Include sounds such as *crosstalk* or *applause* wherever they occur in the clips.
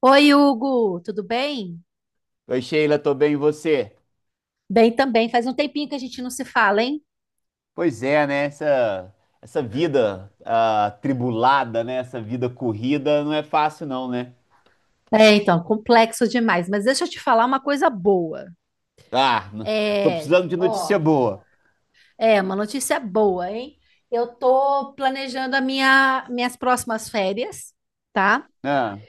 Oi, Hugo, tudo bem? Oi, Sheila, tô bem, e você? Bem também. Faz um tempinho que a gente não se fala, hein? Pois é, né? Essa vida tribulada, né? Essa vida corrida não é fácil, não, né? É, então, complexo demais. Mas deixa eu te falar uma coisa boa. Ah, tô É, precisando de notícia ó, boa. é uma notícia boa, hein? Eu tô planejando minhas próximas férias, tá? Ah,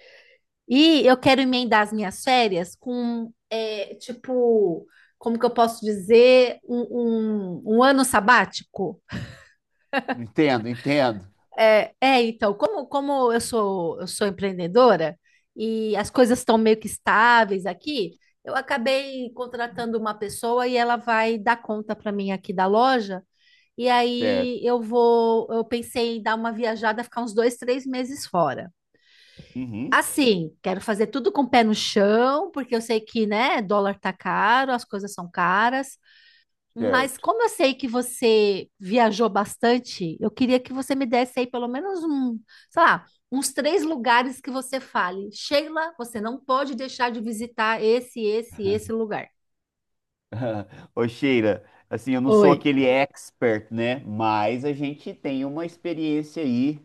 E eu quero emendar as minhas férias com, é, tipo, como que eu posso dizer, um ano sabático. entendo, entendo. É, é, então, como eu sou empreendedora e as coisas estão meio que estáveis aqui, eu acabei contratando uma pessoa e ela vai dar conta para mim aqui da loja. E aí Certo. Eu pensei em dar uma viajada, ficar uns 2, 3 meses fora. Uhum, Assim, quero fazer tudo com o pé no chão, porque eu sei que, né, dólar tá caro, as coisas são caras. Mas certo. como eu sei que você viajou bastante, eu queria que você me desse aí pelo menos um, sei lá, uns três lugares que você fale. Sheila, você não pode deixar de visitar esse lugar. *laughs* Ô, Sheila, assim, eu não sou Oi. aquele expert, né? Mas a gente tem uma experiência aí,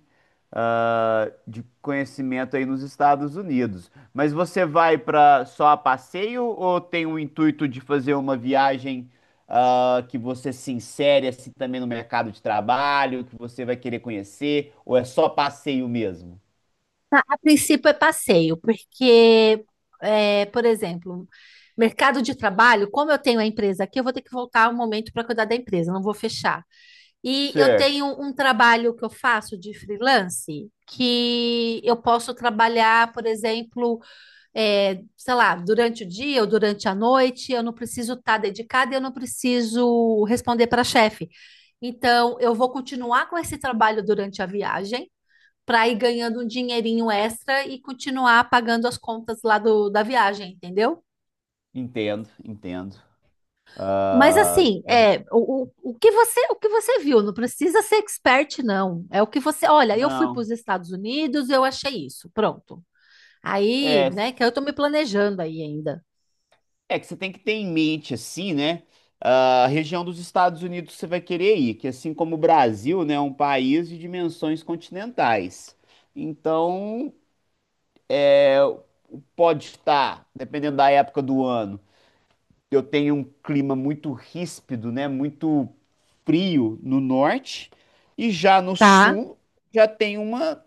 de conhecimento aí nos Estados Unidos. Mas você vai para só a passeio ou tem o intuito de fazer uma viagem, que você se insere assim também no mercado de trabalho, que você vai querer conhecer, ou é só passeio mesmo? A princípio é passeio, porque, por exemplo, mercado de trabalho, como eu tenho a empresa aqui, eu vou ter que voltar um momento para cuidar da empresa, não vou fechar. E eu Certo. tenho um trabalho que eu faço de freelance, que eu posso trabalhar, por exemplo, sei lá, durante o dia ou durante a noite, eu não preciso estar dedicada, e eu não preciso responder para chefe. Então, eu vou continuar com esse trabalho durante a viagem, para ir ganhando um dinheirinho extra e continuar pagando as contas lá da viagem, entendeu? Entendo, entendo. Mas Ah, assim, o que você viu, não precisa ser expert, não. Olha, eu fui para não. os Estados Unidos, eu achei isso, pronto. Aí, É. né, que eu tô me planejando aí ainda. É que você tem que ter em mente, assim, né? A região dos Estados Unidos que você vai querer ir, que assim como o Brasil, né, é um país de dimensões continentais. Então, é, pode estar, dependendo da época do ano, eu tenho um clima muito ríspido, né? Muito frio no norte, e já no Tá. sul já tem uma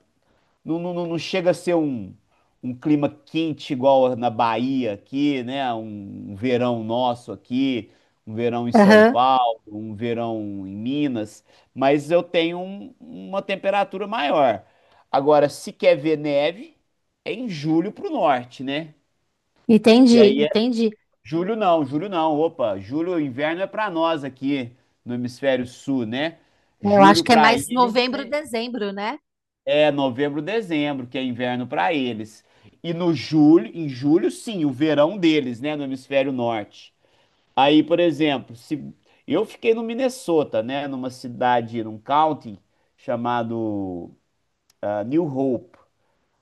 não, não, não chega a ser um clima quente igual na Bahia aqui, né? Um verão nosso aqui, um verão em São Aham. Paulo, um verão em Minas, mas eu tenho uma temperatura maior. Agora, se quer ver neve, é em julho pro norte, né? Que Entendi, aí é entendi. Julho não, opa, julho inverno é pra nós aqui no hemisfério sul, né? Eu acho Julho que é pra aí mais novembro, dezembro, né? é novembro, dezembro, que é inverno para eles. E no julho, em julho, sim, o verão deles, né, no hemisfério norte. Aí, por exemplo, se eu fiquei no Minnesota, né, numa cidade, num county chamado New Hope.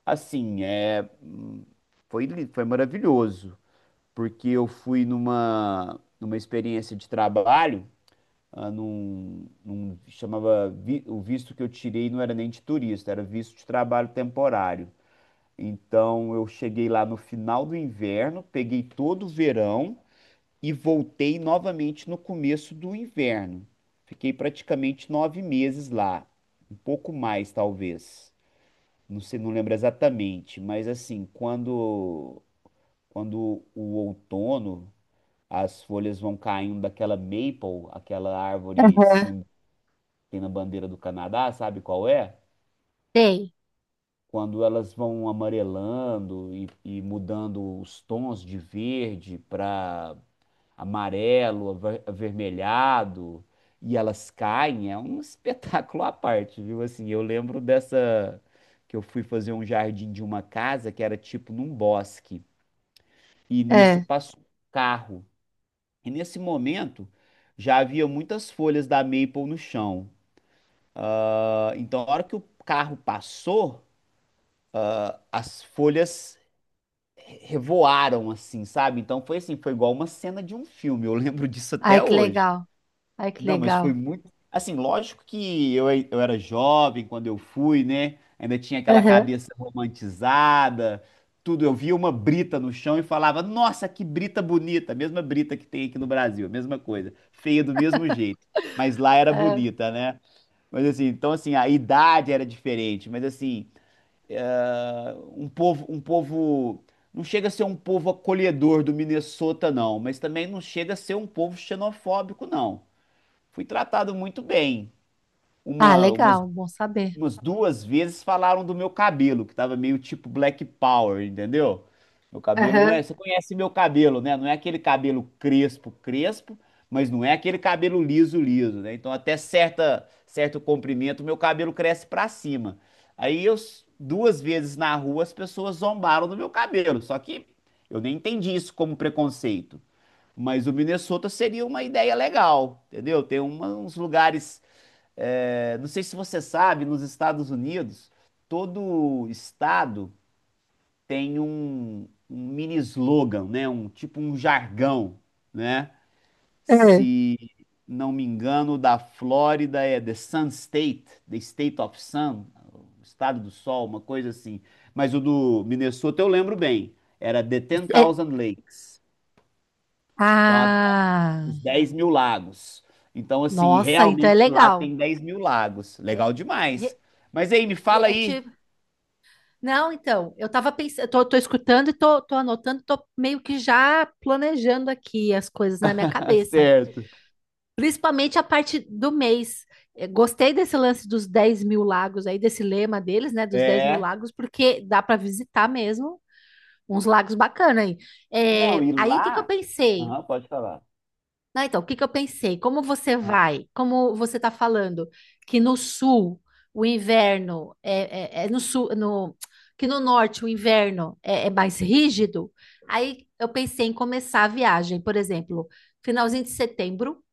Assim, foi maravilhoso, porque eu fui numa experiência de trabalho, o visto que eu tirei não era nem de turista, era visto de trabalho temporário. Então eu cheguei lá no final do inverno, peguei todo o verão e voltei novamente no começo do inverno. Fiquei praticamente 9 meses lá, um pouco mais talvez. Não sei, não lembro exatamente, mas assim, quando o outono, as folhas vão caindo daquela maple, aquela árvore Aham. símbolo que tem na bandeira do Canadá, sabe qual é? Sei. Quando elas vão amarelando e mudando os tons de verde para amarelo, avermelhado, e elas caem, é um *laughs* espetáculo à parte, viu? Assim, eu lembro dessa que eu fui fazer um jardim de uma casa que era tipo num bosque, e nisso É. passou um carro. E nesse momento já havia muitas folhas da maple no chão. Ah, então, a hora que o carro passou, as folhas revoaram assim, sabe? Então foi assim, foi igual uma cena de um filme. Eu lembro *laughs* disso Ai, até que hoje. legal. Ai, que Não, mas legal. foi muito. Assim, lógico que eu era jovem quando eu fui, né? Ainda tinha aquela Aham. cabeça romantizada, tudo. Eu via uma brita no chão e falava: Nossa, que brita bonita! A mesma brita que tem aqui no Brasil, a mesma coisa. Feia do mesmo jeito. Mas lá era É. bonita, né? Mas assim, então assim, a idade era diferente, mas assim um povo, não chega a ser um povo acolhedor do Minnesota, não, mas também não chega a ser um povo xenofóbico, não. Fui tratado muito bem. Ah, Uma, uma legal, bom saber. umas duas vezes falaram do meu cabelo, que tava meio tipo Black Power, entendeu? Meu cabelo não Aham. é. Você conhece meu cabelo, né? Não é aquele cabelo crespo, crespo, mas não é aquele cabelo liso, liso, né? Então, até certo comprimento, meu cabelo cresce pra cima. Aí, duas vezes na rua, as pessoas zombaram do meu cabelo. Só que eu nem entendi isso como preconceito. Mas o Minnesota seria uma ideia legal, entendeu? Tem uns lugares não sei se você sabe, nos Estados Unidos, todo estado tem um mini slogan, né? Um tipo um jargão, né? É. Se não me engano, o da Flórida é The Sun State, The State of Sun, o estado do sol, uma coisa assim. Mas o do Minnesota eu lembro bem, era The Ten É- Thousand Lakes. Então, a Ah, os 10 mil lagos. Então, assim, nossa, então é realmente lá legal. tem 10 mil lagos. É, Legal demais. Mas aí, me fala é, aí. tipo, não, então, eu tava pensando, tô escutando e tô anotando, tô meio que já planejando aqui as coisas na minha *laughs* cabeça. Certo. Principalmente a parte do mês. Gostei desse lance dos 10 mil lagos aí, desse lema deles, né? Dos 10 mil É. lagos, porque dá para visitar mesmo uns lagos bacana aí. Não, Eh, e aí o que que eu lá. pensei? Aham, pode falar. Né, então, o que que eu pensei? Como você Aham. vai? Como você está falando que no sul o inverno é no sul, no, que no norte o inverno é mais rígido? Aí eu pensei em começar a viagem, por exemplo, finalzinho de setembro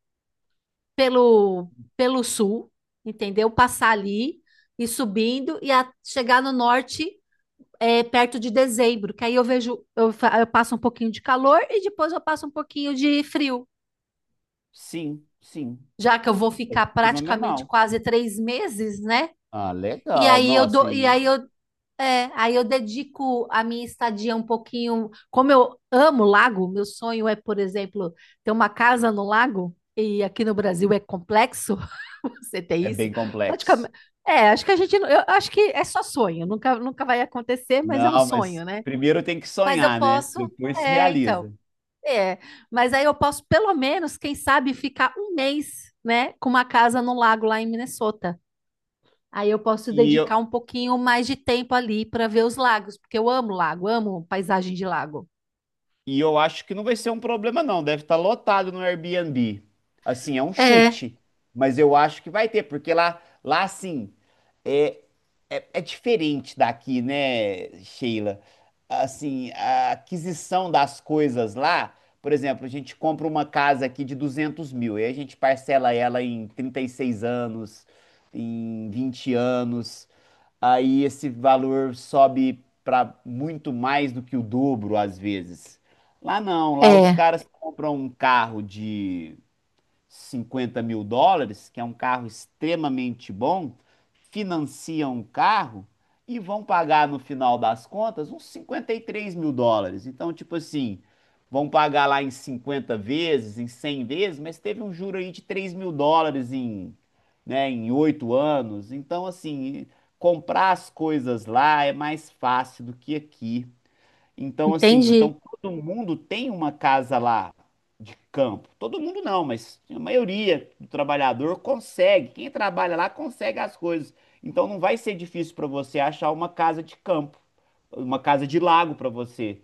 pelo pelo sul, entendeu? Passar ali e subindo e chegar no norte, perto de dezembro, que aí eu vejo eu, fa- eu passo um pouquinho de calor e depois eu passo um pouquinho de frio. Sim, sim. Já que eu vou ficar praticamente Fenomenal. quase 3 meses, né? Ah, E legal. aí eu Nossa, dou, e e aí eu, é, aí eu dedico a minha estadia um pouquinho. Como eu amo lago, meu sonho é, por exemplo, ter uma casa no lago, e aqui no Brasil é complexo *laughs* você ter é isso. bem complexo. Praticamente. É, acho que a gente. Não- Eu acho que é só sonho, nunca, nunca vai acontecer, mas é um Não, mas sonho, né? primeiro tem que Mas eu sonhar, né? posso. Depois se É, então. realiza. É, mas aí eu posso, pelo menos, quem sabe, ficar um mês, né, com uma casa no lago lá em Minnesota. Aí eu posso E eu, dedicar um pouquinho mais de tempo ali para ver os lagos, porque eu amo lago, amo paisagem de lago. E eu acho que não vai ser um problema, não. Deve estar lotado no Airbnb. Assim, é um É, chute. Mas eu acho que vai ter, porque lá assim, é, é diferente daqui, né, Sheila? Assim, a aquisição das coisas lá, por exemplo, a gente compra uma casa aqui de 200 mil, e aí a gente parcela ela em 36 anos, em 20 anos aí esse valor sobe para muito mais do que o dobro às vezes. Lá não, lá os é, caras compram um carro de US$ 50 mil, que é um carro extremamente bom, financiam o carro e vão pagar no final das contas uns US$ 53 mil. Então, tipo assim, vão pagar lá em 50 vezes, em 100 vezes, mas teve um juro aí de US$ 3 mil né, em 8 anos. Então, assim, comprar as coisas lá é mais fácil do que aqui. Então, assim, entendi. então todo mundo tem uma casa lá de campo. Todo mundo não, mas a maioria do trabalhador consegue. Quem trabalha lá consegue as coisas. Então não vai ser difícil para você achar uma casa de campo, uma casa de lago para você,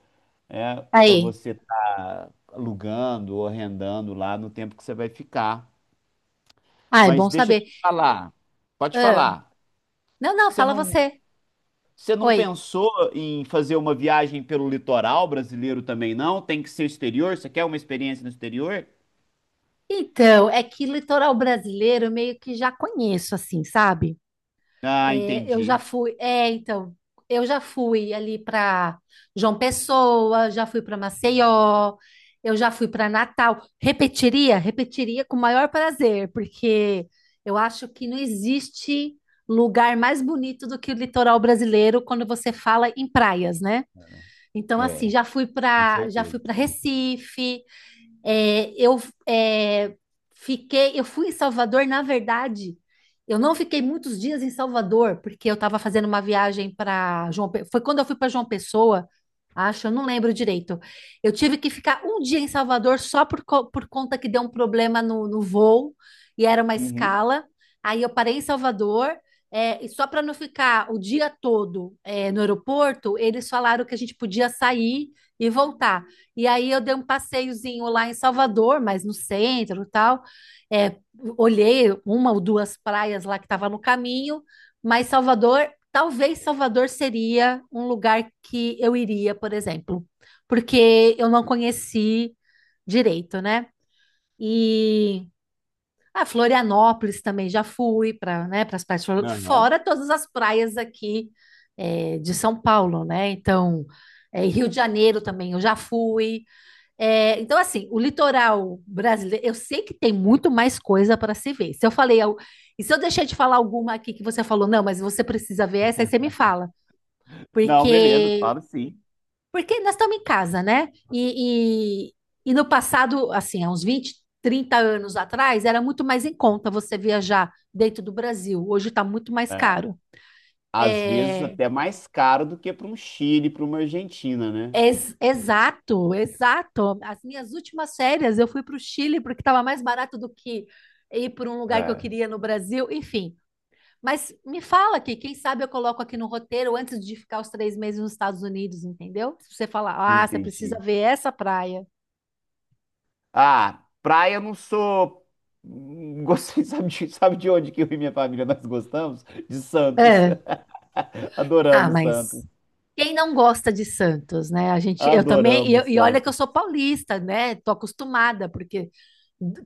né? Para Aí, você estar alugando ou arrendando lá no tempo que você vai ficar. ah, é Mas bom deixa eu saber. te falar, pode Ah, falar. não, não, Você fala não, você. você não Oi. pensou em fazer uma viagem pelo litoral brasileiro também, não? Tem que ser exterior? Você quer uma experiência no exterior? Então, é que litoral brasileiro eu meio que já conheço, assim, sabe? Ah, É, eu já entendi. fui. É, então, eu já fui ali para João Pessoa, já fui para Maceió, eu já fui para Natal. Repetiria? Repetiria com o maior prazer, porque eu acho que não existe lugar mais bonito do que o litoral brasileiro quando você fala em praias, né? Então, assim, É, com já fui certeza. para Recife, é, eu é, eu fui em Salvador, na verdade, eu não fiquei muitos dias em Salvador, porque eu estava fazendo uma viagem foi quando eu fui para João Pessoa, acho, eu não lembro direito. Eu tive que ficar um dia em Salvador só por conta que deu um problema no voo e era uma Uhum. escala. Aí eu parei em Salvador. E só para não ficar o dia todo, no aeroporto, eles falaram que a gente podia sair e voltar. E aí eu dei um passeiozinho lá em Salvador, mas no centro e tal. É, olhei uma ou duas praias lá que estava no caminho, mas Salvador, talvez Salvador seria um lugar que eu iria, por exemplo, porque eu não conheci direito, né? E a Florianópolis também já fui para, né, para as praias, fora Aham. fora todas as praias aqui, de São Paulo, né? Então, Rio de Janeiro também eu já fui. É, então, assim, o litoral brasileiro, eu sei que tem muito mais coisa para se ver. Se eu falei, al- E se eu deixei de falar alguma aqui que você falou, não, mas você precisa ver essa, aí você me fala. Não, beleza, Porque, falo sim. porque nós estamos em casa, né? E no passado, assim, há uns 20 30 anos atrás, era muito mais em conta você viajar dentro do Brasil. Hoje está muito mais É, caro. às vezes É, até mais caro do que para um Chile, para uma Argentina, né? exato, exato. As minhas últimas férias eu fui para o Chile porque estava mais barato do que ir para um lugar que eu É, queria no Brasil, enfim. Mas me fala aqui, quem sabe eu coloco aqui no roteiro antes de ficar os 3 meses nos Estados Unidos, entendeu? Se você falar, ah, você precisa entendi. ver essa praia. Ah, praia eu não sou. Gostei, *laughs* sabe de onde que eu e minha família nós gostamos? De Santos. É. *laughs* Ah, Adoramos mas Santos. quem não gosta de Santos, né? A gente, eu também, Adoramos e olha que eu Santos. sou paulista, né? Tô acostumada, porque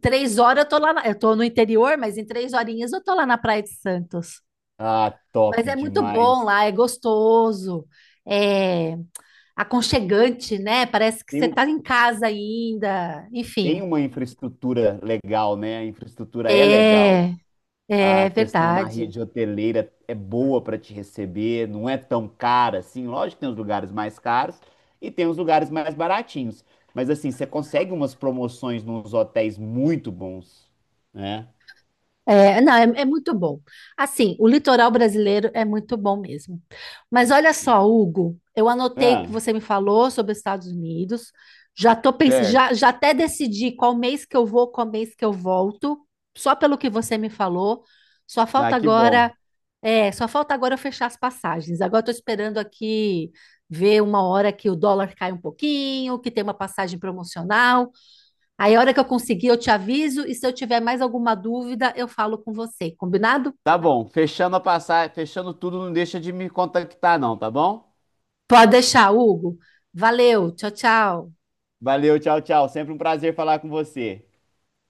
3 horas eu tô lá, eu tô no interior, mas em 3 horinhas eu tô lá na Praia de Santos. Ah, Mas top é muito bom demais. lá, é gostoso, é aconchegante, né? Parece que Tem, você um, está em casa ainda. tem Enfim, uma infraestrutura legal, né? A infraestrutura é legal. é, A é questão da verdade. rede hoteleira é boa para te receber, não é tão cara assim. Lógico que tem os lugares mais caros e tem os lugares mais baratinhos. Mas assim, você consegue umas promoções nos hotéis muito bons, né? É, não, é muito bom. Assim, o litoral brasileiro é muito bom mesmo. Mas olha só, Hugo, eu anotei o que Ah, você me falou sobre os Estados Unidos. Já tô pens... certo. já, já até decidi qual mês que eu vou, qual mês que eu volto, só pelo que você me falou. Só Ah, falta que bom. agora, Só falta agora eu fechar as passagens. Agora estou esperando aqui ver uma hora que o dólar cai um pouquinho, que tem uma passagem promocional. Aí, a hora que eu conseguir, eu te aviso. E se eu tiver mais alguma dúvida, eu falo com você. Combinado? Tá bom. Fechando a passagem, fechando tudo, não deixa de me contactar, não, tá bom? Pode deixar, Hugo. Valeu. Tchau, tchau. Valeu, tchau, tchau. Sempre um prazer falar com você.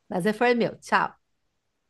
Prazer foi meu. Tchau.